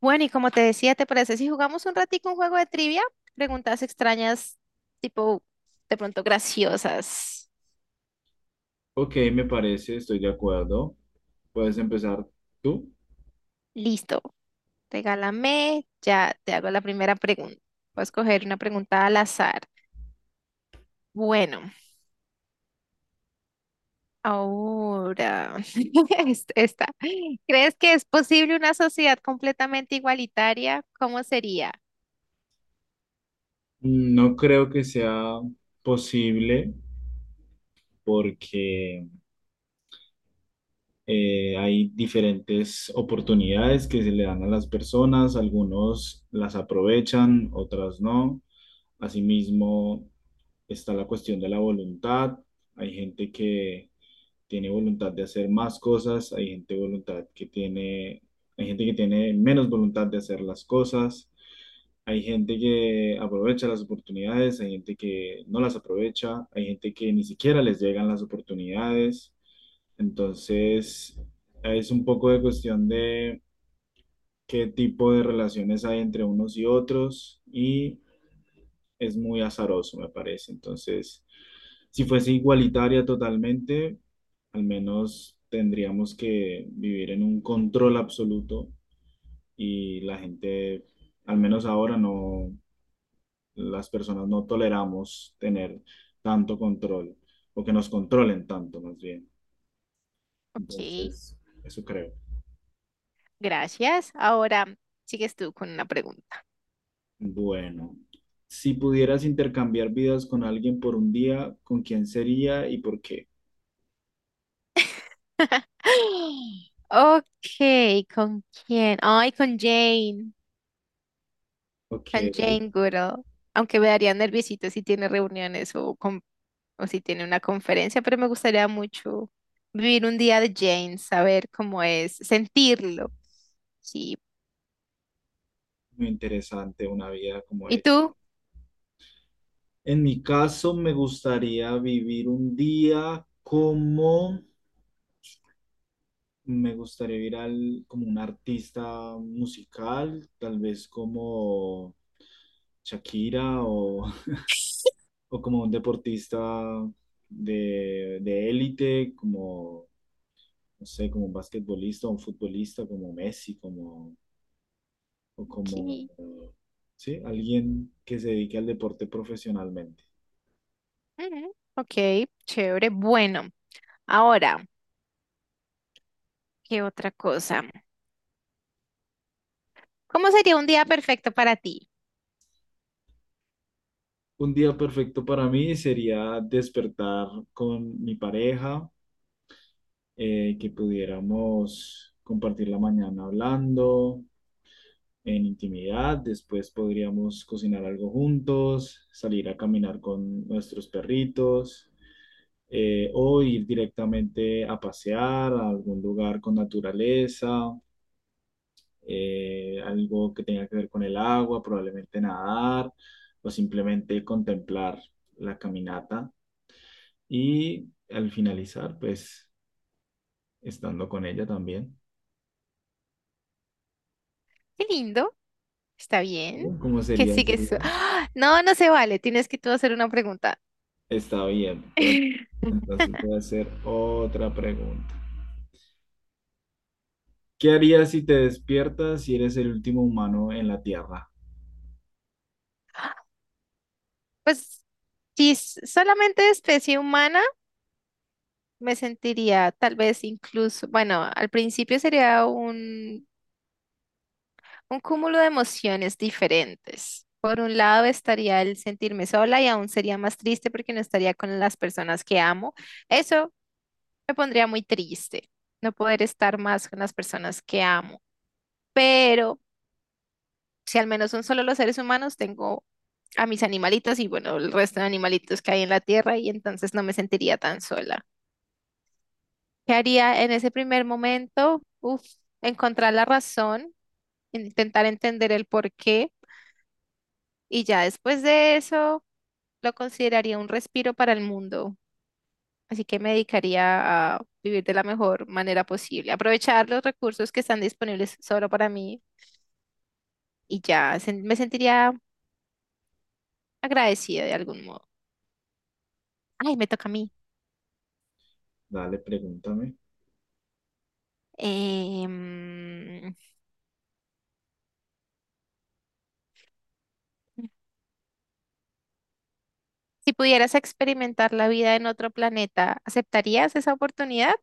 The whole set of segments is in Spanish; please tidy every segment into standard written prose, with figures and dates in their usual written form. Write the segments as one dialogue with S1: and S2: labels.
S1: Bueno, y como te decía, ¿te parece si jugamos un ratico un juego de trivia? Preguntas extrañas, tipo, de pronto graciosas.
S2: Ok, me parece, estoy de acuerdo. Puedes empezar tú.
S1: Listo, regálame, ya te hago la primera pregunta. Voy a escoger una pregunta al azar. Bueno, ahora, esta. ¿Crees que es posible una sociedad completamente igualitaria? ¿Cómo sería?
S2: No creo que sea posible porque hay diferentes oportunidades que se le dan a las personas. Algunos las aprovechan, otras no. Asimismo, está la cuestión de la voluntad. Hay gente que tiene voluntad de hacer más cosas, hay gente voluntad que tiene, hay gente que tiene menos voluntad de hacer las cosas. Hay gente que aprovecha las oportunidades, hay gente que no las aprovecha, hay gente que ni siquiera les llegan las oportunidades. Entonces, es un poco de cuestión de qué tipo de relaciones hay entre unos y otros y es muy azaroso, me parece. Entonces, si fuese igualitaria totalmente, al menos tendríamos que vivir en un control absoluto y la gente, al menos ahora, no las personas no toleramos tener tanto control o que nos controlen tanto más bien.
S1: Ok,
S2: Entonces, eso creo.
S1: gracias. Ahora sigues tú con una pregunta.
S2: Bueno, si pudieras intercambiar vidas con alguien por un día, ¿con quién sería y por qué?
S1: Ok, ¿con quién? Ay,
S2: Ok,
S1: con Jane Goodall. Aunque me daría nerviosito si tiene reuniones o, o si tiene una conferencia, pero me gustaría mucho vivir un día de Jane, saber cómo es, sentirlo. Sí.
S2: muy interesante una vida como
S1: ¿Y
S2: ella.
S1: tú?
S2: En mi caso, me gustaría vivir un día como. Me gustaría ir al, como un artista musical, tal vez como Shakira o, o como un deportista de élite, como, no sé, como un basquetbolista o un futbolista como Messi, como, o
S1: Ok,
S2: como, sí, alguien que se dedique al deporte profesionalmente.
S1: ujú, ok, chévere. Bueno, ahora, ¿qué otra cosa? ¿Cómo sería un día perfecto para ti?
S2: Un día perfecto para mí sería despertar con mi pareja que pudiéramos compartir la mañana hablando en intimidad, después podríamos cocinar algo juntos, salir a caminar con nuestros perritos o ir directamente a pasear a algún lugar con naturaleza, algo que tenga que ver con el agua, probablemente nadar o simplemente contemplar la caminata y al finalizar, pues estando con ella también.
S1: Qué lindo. ¿Está bien?
S2: ¿Cómo
S1: Que
S2: sería ese
S1: sigue su...
S2: día?
S1: ¡Ah! No, no se vale. Tienes que tú hacer una pregunta.
S2: Está bien. Entonces, entonces voy a hacer otra pregunta. ¿Qué harías si te despiertas y eres el último humano en la Tierra?
S1: Pues si solamente especie humana, me sentiría tal vez incluso, bueno, al principio sería un cúmulo de emociones diferentes. Por un lado estaría el sentirme sola y aún sería más triste porque no estaría con las personas que amo. Eso me pondría muy triste, no poder estar más con las personas que amo. Pero si al menos son solo los seres humanos, tengo a mis animalitos y bueno, el resto de animalitos que hay en la tierra y entonces no me sentiría tan sola. ¿Qué haría en ese primer momento? Uf, encontrar la razón, intentar entender el porqué y ya después de eso lo consideraría un respiro para el mundo. Así que me dedicaría a vivir de la mejor manera posible, aprovechar los recursos que están disponibles solo para mí y me sentiría agradecida de algún modo. Ay, me toca a mí.
S2: Dale, pregúntame.
S1: Em, si pudieras experimentar la vida en otro planeta, ¿aceptarías esa oportunidad?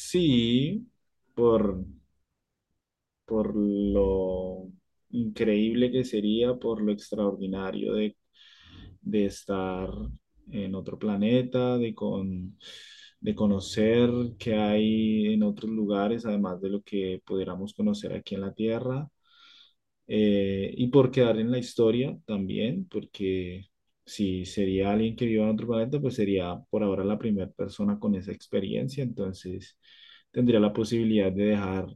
S2: Sí, por, por lo increíble que sería, por lo extraordinario de estar en otro planeta, de, con, de conocer qué hay en otros lugares, además de lo que pudiéramos conocer aquí en la Tierra. Y por quedar en la historia también, porque si sería alguien que viva en otro planeta, pues sería por ahora la primera persona con esa experiencia, entonces tendría la posibilidad de dejar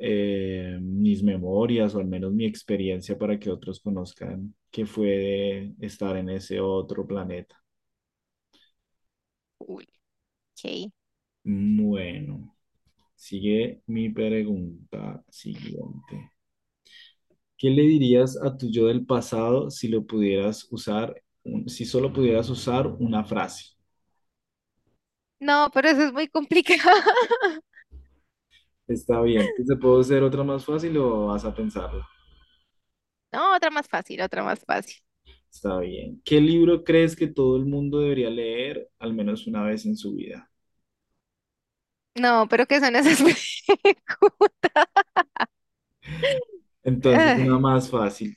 S2: mis memorias o al menos mi experiencia para que otros conozcan qué fue de estar en ese otro planeta.
S1: Uy, ok.
S2: Bueno, sigue mi pregunta siguiente. ¿Qué le dirías a tu yo del pasado si lo pudieras usar, si solo pudieras usar una frase?
S1: No, pero eso es muy complicado.
S2: Está bien. ¿Te puedo hacer otra más fácil o vas a pensarlo?
S1: No, otra más fácil, otra más fácil.
S2: Está bien. ¿Qué libro crees que todo el mundo debería leer al menos una vez en su vida?
S1: No, pero ¿qué son esas preguntas?
S2: Entonces, una
S1: Ay,
S2: más fácil.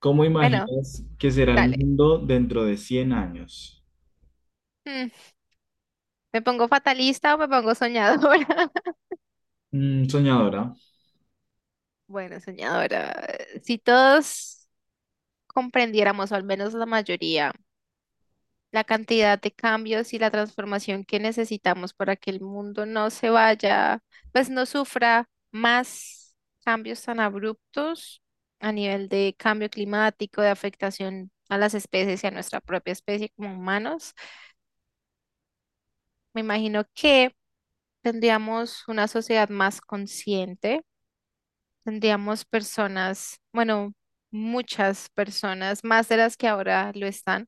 S2: ¿Cómo
S1: bueno,
S2: imaginas que será el
S1: dale.
S2: mundo dentro de 100 años?
S1: Mm, ¿me pongo fatalista o me pongo soñadora?
S2: Mm, soñadora.
S1: Bueno, soñadora, si todos comprendiéramos, o al menos la mayoría, la cantidad de cambios y la transformación que necesitamos para que el mundo no se vaya, pues no sufra más cambios tan abruptos a nivel de cambio climático, de afectación a las especies y a nuestra propia especie como humanos. Me imagino que tendríamos una sociedad más consciente, tendríamos personas, bueno, muchas personas, más de las que ahora lo están,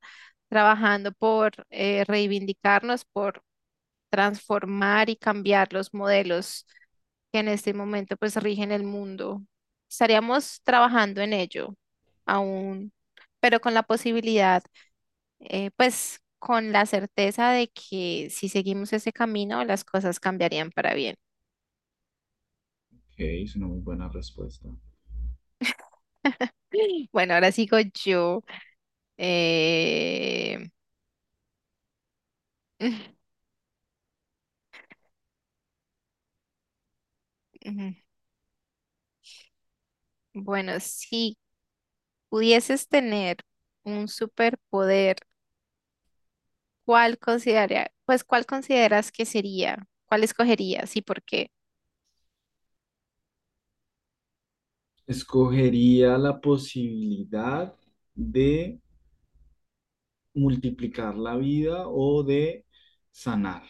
S1: trabajando por reivindicarnos, por transformar y cambiar los modelos que en este momento pues rigen el mundo. Estaríamos trabajando en ello aún, pero con la posibilidad, pues con la certeza de que si seguimos ese camino, las cosas cambiarían para bien.
S2: Ok, es una muy buena respuesta.
S1: Bueno, ahora sigo yo. Eh, Bueno, si pudieses tener un superpoder, ¿cuál consideraría, pues cuál consideras que sería? ¿Cuál escogerías y por qué?
S2: Escogería la posibilidad de multiplicar la vida o de sanar.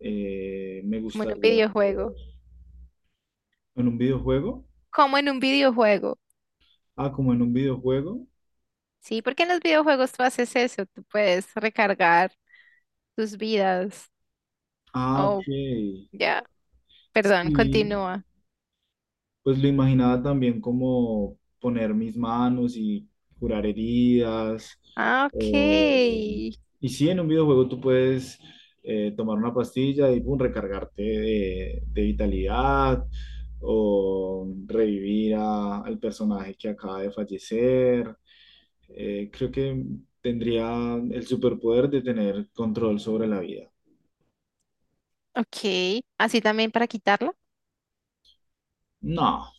S2: Me
S1: Como en un
S2: gustaría
S1: videojuego.
S2: poder- en un videojuego.
S1: Como en un videojuego.
S2: Ah, como en un videojuego.
S1: Sí, porque en los videojuegos tú haces eso, tú puedes recargar tus vidas.
S2: Ah, ok.
S1: Oh, ya. Perdón,
S2: Sí,
S1: continúa.
S2: pues lo imaginaba también como poner mis manos y curar heridas.
S1: Ah, ok.
S2: O... Y sí, en un videojuego tú puedes tomar una pastilla y pum, recargarte de vitalidad o revivir al personaje que acaba de fallecer. Creo que tendría el superpoder de tener control sobre la vida.
S1: Ok. Así también para quitarlo.
S2: No.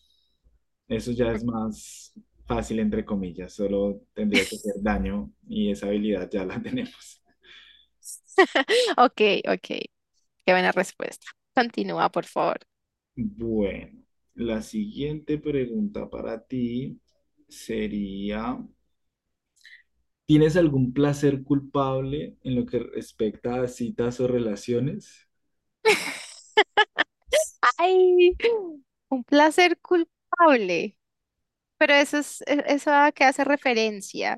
S2: Eso ya es más fácil, entre comillas, solo tendría que hacer daño y esa habilidad ya la tenemos.
S1: Ok, ok. Qué buena respuesta. Continúa, por favor.
S2: Bueno, la siguiente pregunta para ti sería, ¿tienes algún placer culpable en lo que respecta a citas o relaciones?
S1: Ay, un placer culpable. Pero eso es, eso a qué hace referencia.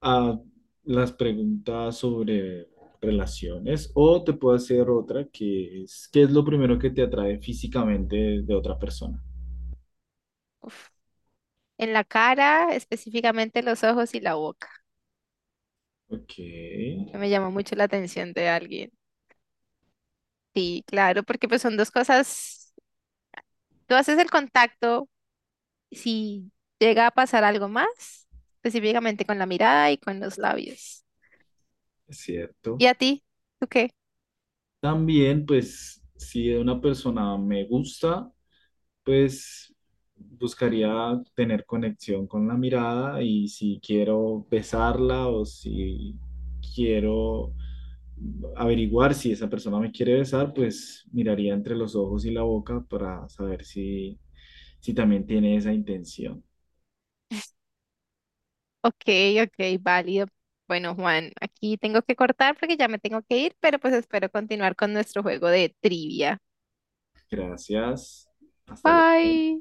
S2: A las preguntas sobre relaciones o te puedo hacer otra que es, ¿qué es lo primero que te atrae físicamente de otra persona?
S1: En la cara, específicamente los ojos y la boca.
S2: Ok,
S1: Que me
S2: es
S1: llama mucho la atención de alguien. Sí, claro, porque pues son dos cosas. Tú haces el contacto, si llega a pasar algo más, específicamente con la mirada y con los labios.
S2: cierto.
S1: ¿Y a ti? ¿Tú qué?
S2: También, pues, si una persona me gusta, pues buscaría tener conexión con la mirada y si quiero besarla o si quiero averiguar si esa persona me quiere besar, pues miraría entre los ojos y la boca para saber si, si también tiene esa intención.
S1: Ok, ok, válido. Bueno, Juan, aquí tengo que cortar porque ya me tengo que ir, pero pues espero continuar con nuestro juego de trivia.
S2: Gracias. Hasta luego.
S1: Bye.